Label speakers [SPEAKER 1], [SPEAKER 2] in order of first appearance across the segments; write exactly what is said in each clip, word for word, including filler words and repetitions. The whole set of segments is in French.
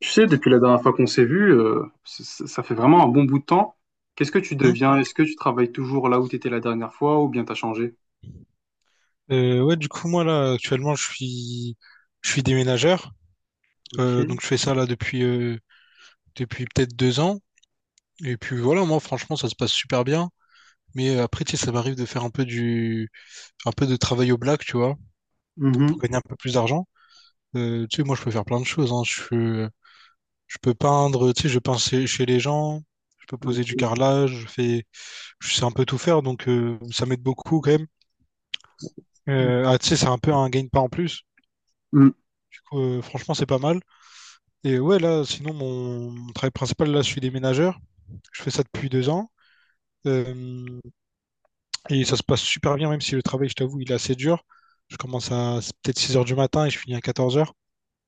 [SPEAKER 1] Tu sais, depuis la dernière fois qu'on s'est vu, euh, c- c- ça fait vraiment un bon bout de temps. Qu'est-ce que tu
[SPEAKER 2] Hein
[SPEAKER 1] deviens? Est-ce que tu travailles toujours là où tu étais la dernière fois ou bien t'as changé?
[SPEAKER 2] Euh, ouais, du coup, moi, là, actuellement, je suis, je suis déménageur.
[SPEAKER 1] Ok.
[SPEAKER 2] Euh, donc, je fais ça, là, depuis, euh, depuis peut-être deux ans. Et puis, voilà, moi, franchement, ça se passe super bien. Mais euh, après, tu sais, ça m'arrive de faire un peu du, un peu de travail au black, tu vois, pour
[SPEAKER 1] Mhm.
[SPEAKER 2] gagner un peu plus d'argent. Euh, tu sais, moi, je peux faire plein de choses, hein. Je peux, je peux peindre, tu sais, je peins chez, chez les gens. Je peux poser
[SPEAKER 1] Ok.
[SPEAKER 2] du carrelage. Je fais, je sais un peu tout faire. Donc, euh, ça m'aide beaucoup, quand même. Euh, ah, tu sais, c'est un peu un gain de pas en plus.
[SPEAKER 1] Mm.
[SPEAKER 2] Du coup, euh, franchement, c'est pas mal. Et ouais, là, sinon, mon, mon travail principal, là, je suis déménageur. Je fais ça depuis deux ans. Euh, et ça se passe super bien, même si le travail, je t'avoue, il est assez dur. Je commence à c'est peut-être six heures du matin et je finis à quatorze heures.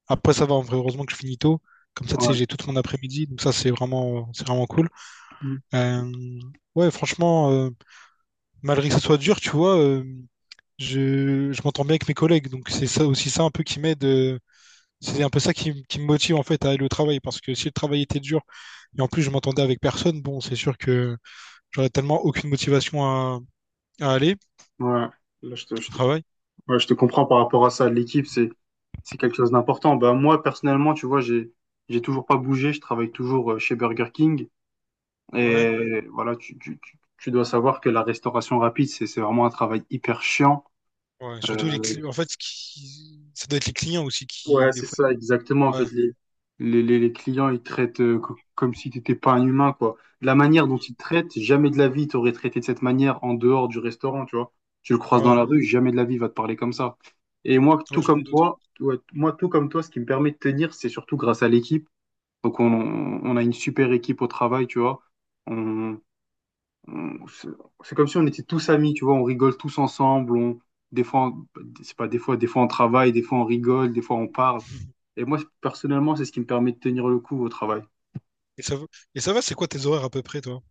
[SPEAKER 2] Après, ça va, en vrai, heureusement que je finis tôt. Comme ça, tu sais,
[SPEAKER 1] Ouais.
[SPEAKER 2] j'ai toute mon après-midi. Donc ça, c'est vraiment, c'est vraiment cool.
[SPEAKER 1] Mm.
[SPEAKER 2] Euh, ouais, franchement, euh, malgré que ça soit dur, tu vois, euh, je, je m'entends bien avec mes collègues. Donc c'est ça aussi ça un peu qui m'aide. euh, C'est un peu ça qui, qui me motive en fait à aller au travail parce que si le travail était dur et en plus je m'entendais avec personne, bon, c'est sûr que j'aurais tellement aucune motivation à, à aller
[SPEAKER 1] Ouais. Là, je te, je
[SPEAKER 2] au
[SPEAKER 1] te-
[SPEAKER 2] travail.
[SPEAKER 1] ouais, je te comprends par rapport à ça. L'équipe, c'est, c'est quelque chose d'important. Bah, moi, personnellement, tu vois, j'ai, j'ai toujours pas bougé. Je travaille toujours euh, chez Burger King.
[SPEAKER 2] Ouais,
[SPEAKER 1] Et voilà, tu, tu, tu, tu dois savoir que la restauration rapide, c'est, c'est vraiment un travail hyper chiant.
[SPEAKER 2] ouais. Surtout les
[SPEAKER 1] Euh,
[SPEAKER 2] cli- en fait, ce qui... ça doit être les clients aussi
[SPEAKER 1] Ouais,
[SPEAKER 2] qui des
[SPEAKER 1] c'est
[SPEAKER 2] fois.
[SPEAKER 1] ça, exactement. En
[SPEAKER 2] Ouais,
[SPEAKER 1] fait, les, les, les les clients, ils traitent euh, co- comme si tu n'étais pas un humain, quoi. La manière dont ils te traitent, jamais de la vie, tu aurais traité de cette manière en dehors du restaurant, tu vois. Tu le croises dans
[SPEAKER 2] ouais,
[SPEAKER 1] la rue, jamais de la vie, il va te parler comme ça. Et moi, tout
[SPEAKER 2] ouais, je m'en
[SPEAKER 1] comme
[SPEAKER 2] doute.
[SPEAKER 1] toi, ouais, moi, tout comme toi, ce qui me permet de tenir, c'est surtout grâce à l'équipe. Donc, on, on a une super équipe au travail, tu vois. On, on- c'est c'est comme si on était tous amis, tu vois, on rigole tous ensemble, on, des fois, on- c'est pas des fois, des fois on travaille, des fois on rigole, des fois on parle. Et moi, personnellement, c'est ce qui me permet de tenir le coup au travail.
[SPEAKER 2] Et ça va, et ça va, c'est quoi tes horaires à peu près, toi?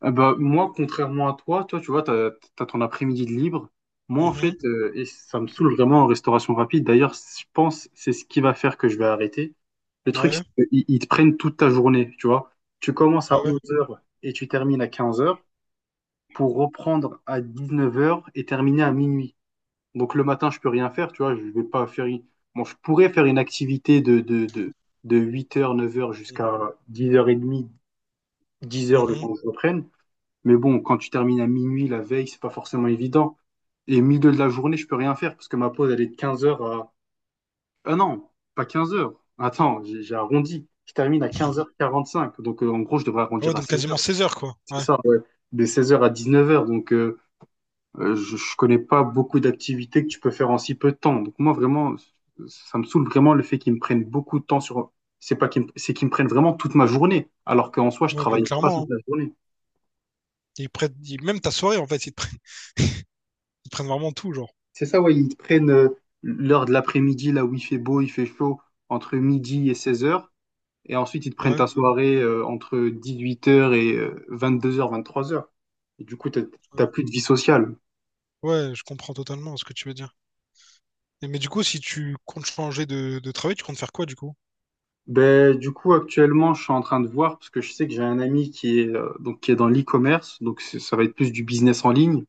[SPEAKER 1] Ah bah, moi, contrairement à toi, toi, tu vois, t'as, t'as ton après-midi de libre. Moi, en
[SPEAKER 2] Mhm.
[SPEAKER 1] fait, euh, et ça me saoule vraiment en restauration rapide. D'ailleurs, je pense c'est ce qui va faire que je vais arrêter. Le truc,
[SPEAKER 2] Ouais,
[SPEAKER 1] c'est qu'ils ils te prennent toute ta journée, tu vois. Tu commences
[SPEAKER 2] ah
[SPEAKER 1] à
[SPEAKER 2] ouais.
[SPEAKER 1] 11 heures et tu termines à 15 heures pour reprendre à 19 heures et terminer à minuit. Donc le matin, je peux rien faire, tu vois, je vais pas faire une- bon, je pourrais faire une activité de, de, de, de huit heures neuf heures jusqu'à dix heures trente, dix heures le
[SPEAKER 2] Mhm.
[SPEAKER 1] temps que je reprenne. Mais bon, quand tu termines à minuit la veille, c'est pas forcément évident. Et milieu de la journée, je peux rien faire parce que ma pause, elle est de quinze heures à... Ah non, pas quinze heures. Attends, j'ai j'ai arrondi. Je termine à quinze heures quarante cinq Donc euh, en gros, je devrais
[SPEAKER 2] Ah
[SPEAKER 1] arrondir
[SPEAKER 2] ouais,
[SPEAKER 1] à
[SPEAKER 2] donc
[SPEAKER 1] seize
[SPEAKER 2] quasiment
[SPEAKER 1] heures
[SPEAKER 2] seize heures, quoi.
[SPEAKER 1] C'est
[SPEAKER 2] Ouais,
[SPEAKER 1] ça, ouais. De seize heures à neuf heures. Donc euh, euh, je, je connais pas beaucoup d'activités que tu peux faire en si peu de temps. Donc moi vraiment, ça me saoule vraiment le fait qu'ils me prennent beaucoup de temps sur. C'est pas qu'ils me... C'est qu'ils me prennent vraiment toute ma journée, alors qu'en soi je
[SPEAKER 2] ouais, mais
[SPEAKER 1] travaille pas
[SPEAKER 2] clairement, hein.
[SPEAKER 1] toute la journée.
[SPEAKER 2] Ils prennent, ils- même ta soirée, en fait, ils te prennent, ils te prennent vraiment tout, genre.
[SPEAKER 1] C'est ça, ouais, ils te prennent euh, l'heure de l'après-midi là où il fait beau, il fait chaud, entre midi et seize heures, et ensuite ils te prennent
[SPEAKER 2] Ouais.
[SPEAKER 1] ta soirée euh, entre huit heures et vingt-deux heures, vingt-trois heures. Et du coup, t'as
[SPEAKER 2] Ouais.
[SPEAKER 1] t'as plus de vie sociale.
[SPEAKER 2] Ouais, je comprends totalement ce que tu veux dire. Et- mais du coup, si tu comptes changer de, de travail, tu comptes faire quoi du coup?
[SPEAKER 1] Ben, du coup, actuellement, je suis en train de voir parce que je sais que j'ai un ami qui est, euh, donc, qui est dans l'e-commerce, donc c'est- ça va être plus du business en ligne.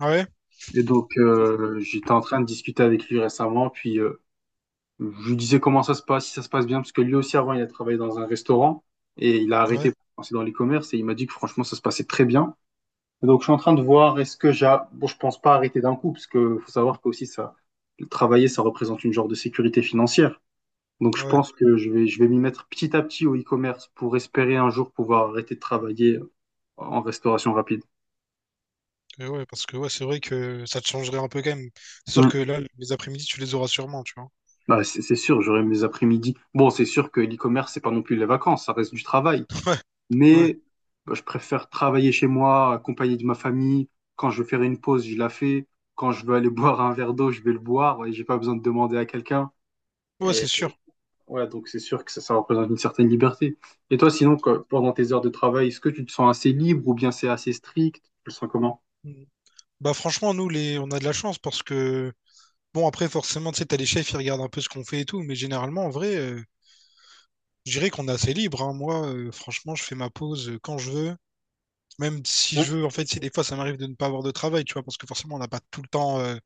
[SPEAKER 2] Ah ouais?
[SPEAKER 1] Et donc, euh, j'étais en train de discuter avec lui récemment, puis euh, je lui disais comment ça se passe, si ça se passe bien, parce que lui aussi, avant, il a travaillé dans un restaurant et il a
[SPEAKER 2] Ouais,
[SPEAKER 1] arrêté pour penser dans l'e-commerce et il m'a dit que franchement, ça se passait très bien. Et donc, je suis en train de voir, est-ce que j'ai... bon, je pense pas arrêter d'un coup, parce que faut savoir que aussi, ça, travailler, ça représente une genre de sécurité financière. Donc je
[SPEAKER 2] ouais.
[SPEAKER 1] pense que je vais, je vais m'y mettre petit à petit au e-commerce pour espérer un jour pouvoir arrêter de travailler en restauration rapide.
[SPEAKER 2] Euh, ouais, Parce que ouais, c'est vrai que ça te changerait un peu quand même. C'est sûr
[SPEAKER 1] Mm.
[SPEAKER 2] que là, les après-midi, tu les auras sûrement, tu vois.
[SPEAKER 1] Bah, c'est c'est sûr, j'aurai mes après-midi. Bon, c'est sûr que l'e-commerce, c'est pas non plus les vacances, ça reste du travail.
[SPEAKER 2] Ouais, ouais.
[SPEAKER 1] Mais bah, je préfère travailler chez moi, accompagné de ma famille. Quand je veux faire une pause, je la fais. Quand je veux aller boire un verre d'eau, je vais le boire. Et j'ai pas besoin de demander à quelqu'un.
[SPEAKER 2] Ouais,
[SPEAKER 1] Et
[SPEAKER 2] c'est sûr.
[SPEAKER 1] Ouais, donc c'est sûr que ça, ça représente une certaine liberté. Et toi, sinon, quoi, pendant tes heures de travail, est-ce que tu te sens assez libre ou bien c'est assez strict? Tu le sens comment?
[SPEAKER 2] Mm. Bah franchement, nous, les... on a de la chance parce que... Bon, après, forcément, tu sais, t'as les chefs, ils regardent un peu ce qu'on fait et tout, mais généralement, en vrai, euh, je dirais qu'on est assez libre, hein. Moi, euh, franchement, je fais ma pause euh, quand je veux. Même si
[SPEAKER 1] Ouais.
[SPEAKER 2] je veux, en fait, si des fois ça m'arrive de ne pas avoir de travail, tu vois, parce que forcément on n'a pas tout le temps euh,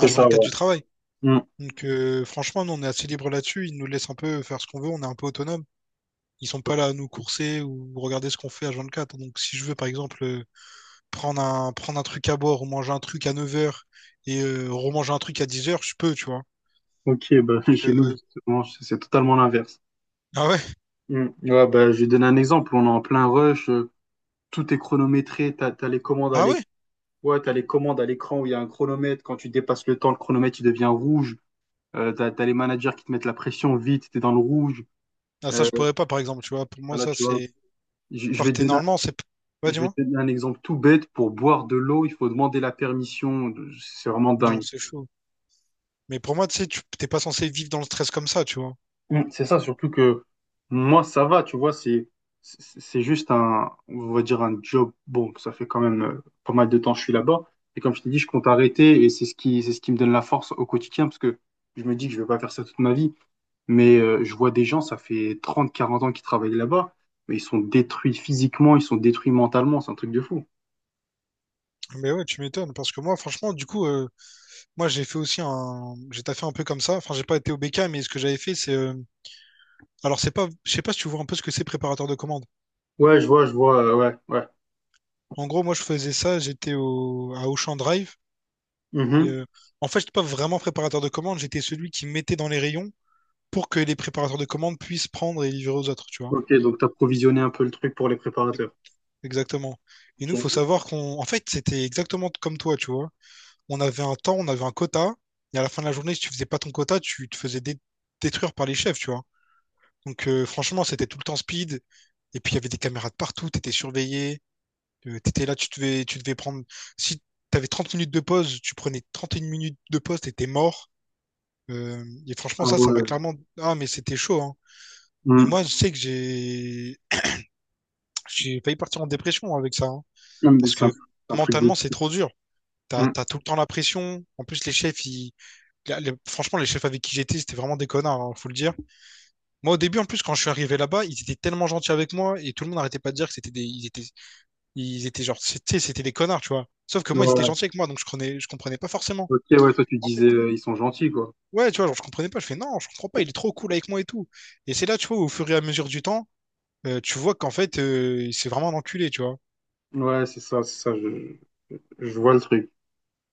[SPEAKER 1] C'est ça, ouais.
[SPEAKER 2] du travail.
[SPEAKER 1] Hmm.
[SPEAKER 2] Donc euh, franchement, nous, on est assez libre là-dessus. Ils nous laissent un peu faire ce qu'on veut, on est un peu autonome. Ils sont pas là à nous courser ou regarder ce qu'on fait H vingt-quatre. Donc si je veux, par exemple, euh, prendre un, prendre un truc à boire ou manger un truc à neuf heures et euh, remanger un truc à dix heures, je peux, tu vois.
[SPEAKER 1] Ok, bah, chez nous,
[SPEAKER 2] Je-
[SPEAKER 1] justement, c'est c'est totalement l'inverse.
[SPEAKER 2] Ah ouais?
[SPEAKER 1] Hmm. Ouais, bah, je vais donner un exemple. On est en plein rush, euh, tout est chronométré, t'as, t'as les commandes à
[SPEAKER 2] Ah ouais?
[SPEAKER 1] l'écran. Ouais, t'as les commandes à l'écran où il y a un chronomètre. Quand tu dépasses le temps, le chronomètre, il devient rouge. Euh, t'as, t'as les managers qui te mettent la pression vite, t'es dans le rouge.
[SPEAKER 2] Ah, ça,
[SPEAKER 1] Euh,
[SPEAKER 2] je pourrais pas, par exemple, tu vois. Pour moi,
[SPEAKER 1] voilà,
[SPEAKER 2] ça,
[SPEAKER 1] tu vois.
[SPEAKER 2] c'est...
[SPEAKER 1] Je je
[SPEAKER 2] Enfin,
[SPEAKER 1] vais te
[SPEAKER 2] t'es-
[SPEAKER 1] donner
[SPEAKER 2] normalement, c'est... Ouais,
[SPEAKER 1] Je vais
[SPEAKER 2] dis-moi.
[SPEAKER 1] te donner un exemple tout bête. Pour boire de l'eau, il faut demander la permission. C'est vraiment
[SPEAKER 2] Non,
[SPEAKER 1] dingue.
[SPEAKER 2] c'est chaud. Mais pour moi, tu sais, tu t'es pas censé vivre dans le stress comme ça, tu vois.
[SPEAKER 1] Mm. C'est ça, surtout que moi, ça va, tu vois, c'est c'est c'est juste un, on va dire un job. Bon, ça fait quand même euh, pas mal de temps que je suis là-bas. Et comme je t'ai dit, je compte arrêter et c'est ce qui, c'est ce qui me donne la force au quotidien parce que je me dis que je vais pas faire ça toute ma vie. Mais euh, je vois des gens, ça fait trente quarante ans qu'ils travaillent là-bas, mais ils sont détruits physiquement, ils sont détruits mentalement, c'est un truc de fou.
[SPEAKER 2] Mais ouais, tu m'étonnes, parce que moi, franchement, du coup, euh, moi, j'ai fait aussi un, j'ai taffé un peu comme ça. Enfin, j'ai pas été au B K, mais ce que j'avais fait, c'est, euh, alors, c'est pas, je sais pas si tu vois un peu ce que c'est préparateur de commande.
[SPEAKER 1] Ouais, je vois, je vois, euh, ouais, ouais.
[SPEAKER 2] En gros, moi, je faisais ça, j'étais au, à Auchan Drive. Et,
[SPEAKER 1] Mhm.
[SPEAKER 2] euh, en fait, j'étais pas vraiment préparateur de commande. J'étais celui qui mettait dans les rayons pour que les préparateurs de commandes puissent prendre et livrer aux autres, tu vois.
[SPEAKER 1] Ok, donc t'as provisionné un peu le truc pour les préparateurs.
[SPEAKER 2] Exactement. Et nous, faut
[SPEAKER 1] Ok.
[SPEAKER 2] savoir qu'on, en fait, c'était exactement comme toi, tu vois. On avait un temps, on avait un quota, et à la fin de la journée, si tu faisais pas ton quota, tu te faisais dé- détruire par les chefs, tu vois. Donc, euh, franchement, c'était tout le temps speed. Et puis, il y avait des caméras de partout, t'étais surveillé, euh, t'étais là, tu devais, tu devais prendre. Si t'avais trente minutes de pause, tu prenais trente et une minutes de pause, t'étais mort. Euh, et
[SPEAKER 1] Ah
[SPEAKER 2] franchement, ça, ça m'a
[SPEAKER 1] ouais.
[SPEAKER 2] clairement. Ah, mais c'était chaud, hein. Mais moi,
[SPEAKER 1] Hmm.
[SPEAKER 2] je sais que j'ai j'ai failli partir en dépression avec ça, hein.
[SPEAKER 1] Non, mais
[SPEAKER 2] Parce
[SPEAKER 1] c'est un,
[SPEAKER 2] que
[SPEAKER 1] c'est un truc de.
[SPEAKER 2] mentalement, c'est trop dur. T'as,
[SPEAKER 1] Hmm.
[SPEAKER 2] t'as tout le temps la pression. En plus, les chefs, ils... la- les- franchement, les chefs avec qui j'étais, c'était vraiment des connards, hein, faut le dire. Moi, au début, en plus, quand je suis arrivé là-bas, ils étaient tellement gentils avec moi et tout le monde n'arrêtait pas de dire que c'était des, ils étaient, ils étaient genre, c'était, c'était des connards, tu vois. Sauf que moi, ils étaient
[SPEAKER 1] Ouais.
[SPEAKER 2] gentils avec moi, donc je comprenais, je comprenais pas forcément.
[SPEAKER 1] Ok, ouais, toi tu
[SPEAKER 2] En fait,
[SPEAKER 1] disais euh, ils sont gentils, quoi.
[SPEAKER 2] ouais, tu vois, genre, je comprenais pas. Je fais non, je comprends pas. Il est trop cool avec moi et tout. Et c'est là, tu vois, au fur et à mesure du temps. Euh, tu vois qu'en fait, euh, c'est vraiment un enculé, tu vois.
[SPEAKER 1] Ouais, c'est ça, c'est ça, je, je vois le truc.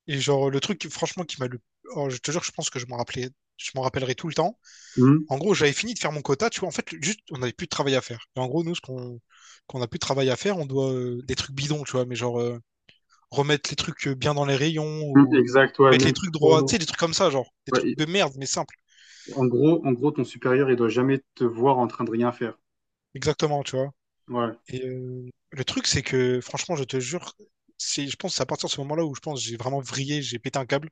[SPEAKER 2] Et genre, le truc, qui- franchement, qui m'a le... oh, je te jure, je pense que je m'en rappelais... je m'en rappellerai tout le temps.
[SPEAKER 1] Hmm.
[SPEAKER 2] En gros, j'avais fini de faire mon quota, tu vois. En fait, juste, on n'avait plus de travail à faire. Et en gros, nous, ce qu'on qu'on a plus de travail à faire, on doit euh, des trucs bidons, tu vois. Mais genre, euh, remettre les trucs euh, bien dans les rayons
[SPEAKER 1] Hmm,
[SPEAKER 2] ou
[SPEAKER 1] exact, ouais,
[SPEAKER 2] mettre les
[SPEAKER 1] même
[SPEAKER 2] trucs
[SPEAKER 1] pour
[SPEAKER 2] droits. Tu
[SPEAKER 1] nous.
[SPEAKER 2] sais, des trucs comme ça, genre. Des
[SPEAKER 1] Ouais,
[SPEAKER 2] trucs
[SPEAKER 1] et-
[SPEAKER 2] de merde, mais simples.
[SPEAKER 1] en gros, en gros, ton supérieur, il doit jamais te voir en train de rien faire.
[SPEAKER 2] Exactement, tu vois.
[SPEAKER 1] Ouais.
[SPEAKER 2] Et euh, le truc, c'est que, franchement, je te jure, c'est, je pense, que c'est à partir de ce moment-là où je pense que j'ai vraiment vrillé, j'ai pété un câble.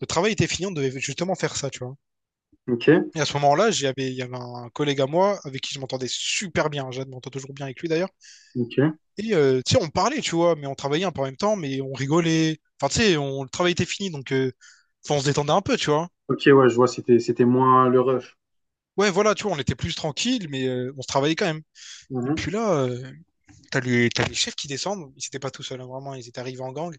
[SPEAKER 2] Le travail était fini, on devait justement faire ça, tu vois.
[SPEAKER 1] Ok,
[SPEAKER 2] Et à ce moment-là, j'avais, il y avait un collègue à moi avec qui je m'entendais super bien. Je m'entends toujours bien avec lui d'ailleurs.
[SPEAKER 1] ok.
[SPEAKER 2] Et euh, tu sais, on parlait, tu vois, mais on travaillait un peu en même temps, mais on rigolait. Enfin, tu sais, on, le travail était fini, donc euh, enfin, on se détendait un peu, tu vois.
[SPEAKER 1] Ok, ouais, je vois, c'était, c'était moins le rush.
[SPEAKER 2] Ouais, voilà, tu vois, on était plus tranquille, mais euh, on se travaillait quand même. Et
[SPEAKER 1] Mhm.
[SPEAKER 2] puis là, euh, t'as les, t'as les chefs qui descendent. Ils étaient pas tout seuls, hein, vraiment. Ils étaient arrivés en gang.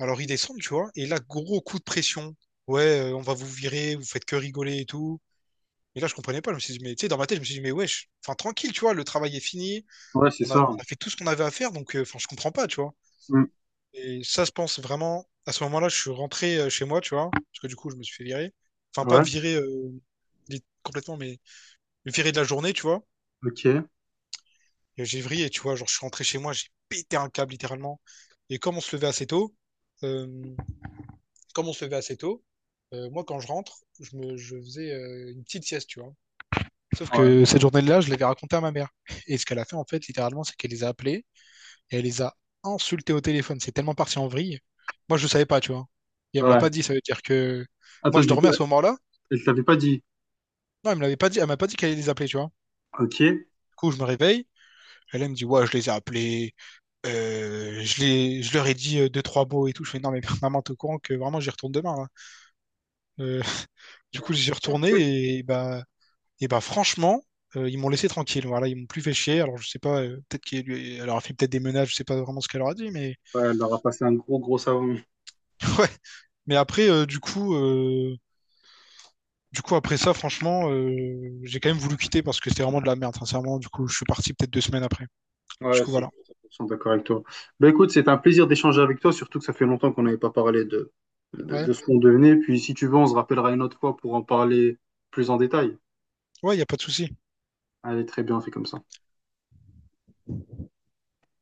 [SPEAKER 2] Alors ils descendent, tu vois. Et là, gros coup de pression. Ouais, euh, on va vous virer, vous faites que rigoler et tout. Et là, je comprenais pas. Je me suis dit, mais tu sais, dans ma tête, je me suis dit, mais wesh, enfin, tranquille, tu vois, le travail est fini.
[SPEAKER 1] Ouais, c'est
[SPEAKER 2] On a,
[SPEAKER 1] ça.
[SPEAKER 2] on a fait tout ce qu'on avait à faire, donc, euh, enfin, je comprends pas, tu vois.
[SPEAKER 1] Hmm.
[SPEAKER 2] Et ça, je pense vraiment, à ce moment-là, je suis rentré euh, chez moi, tu vois, parce que du coup, je me suis fait virer. Enfin, pas
[SPEAKER 1] Ouais,
[SPEAKER 2] virer euh, lit- complètement, mais me virer de la journée, tu vois.
[SPEAKER 1] ok.
[SPEAKER 2] Et j'ai vrillé, tu vois, genre, je suis rentré chez moi, j'ai pété un câble, littéralement. Et comme on se levait assez tôt, euh, Comme on se levait assez tôt, euh, moi, quand je rentre, je me, je faisais euh, une petite sieste, tu vois. Sauf
[SPEAKER 1] Ouais.
[SPEAKER 2] que cette journée-là, je l'avais raconté à ma mère. Et ce qu'elle a fait, en fait, littéralement, c'est qu'elle les a appelés et elle les a insultés au téléphone. C'est tellement parti en vrille. Moi, je ne savais pas, tu vois. Et elle me l'a
[SPEAKER 1] Ouais.
[SPEAKER 2] pas dit, ça veut dire que
[SPEAKER 1] Attends,
[SPEAKER 2] moi, je
[SPEAKER 1] du coup,
[SPEAKER 2] dormais à ce moment-là.
[SPEAKER 1] elle t'avait pas dit.
[SPEAKER 2] Non, elle me l'avait pas dit, elle m'a pas dit qu'elle allait les appeler, tu vois.
[SPEAKER 1] Ok.
[SPEAKER 2] Du coup, je me réveille. Elle, elle me dit, ouais, je les ai appelés. Euh, je les, je leur ai dit euh, deux, trois mots et tout. Je fais, non, mais maman, t'es au courant que vraiment, j'y retourne demain, là. Euh, du coup, j'y suis retourné et bah, Et bah franchement, euh, ils m'ont laissé tranquille. Voilà, ils m'ont plus fait chier. Alors je sais pas, euh, peut-être qu'elle leur a fait peut-être des menaces, je sais pas vraiment ce qu'elle leur a dit, mais
[SPEAKER 1] Ouais, elle aura passé un gros, gros savon.
[SPEAKER 2] ouais. Mais après, euh, du coup, euh, du coup après ça, franchement, euh, j'ai quand même voulu quitter parce que c'était vraiment de la merde, sincèrement. Du coup, je suis parti peut-être deux semaines après. Du
[SPEAKER 1] Ouais,
[SPEAKER 2] coup,
[SPEAKER 1] c'est-
[SPEAKER 2] voilà.
[SPEAKER 1] je suis cent pour cent d'accord avec toi. Bah écoute, c'est un plaisir d'échanger avec toi, surtout que ça fait longtemps qu'on n'avait pas parlé de, de,
[SPEAKER 2] Ouais,
[SPEAKER 1] de ce qu'on devenait. Puis si tu veux, on se rappellera une autre fois pour en parler plus en détail.
[SPEAKER 2] ouais, y a pas de souci.
[SPEAKER 1] Allez, très bien, on fait comme ça.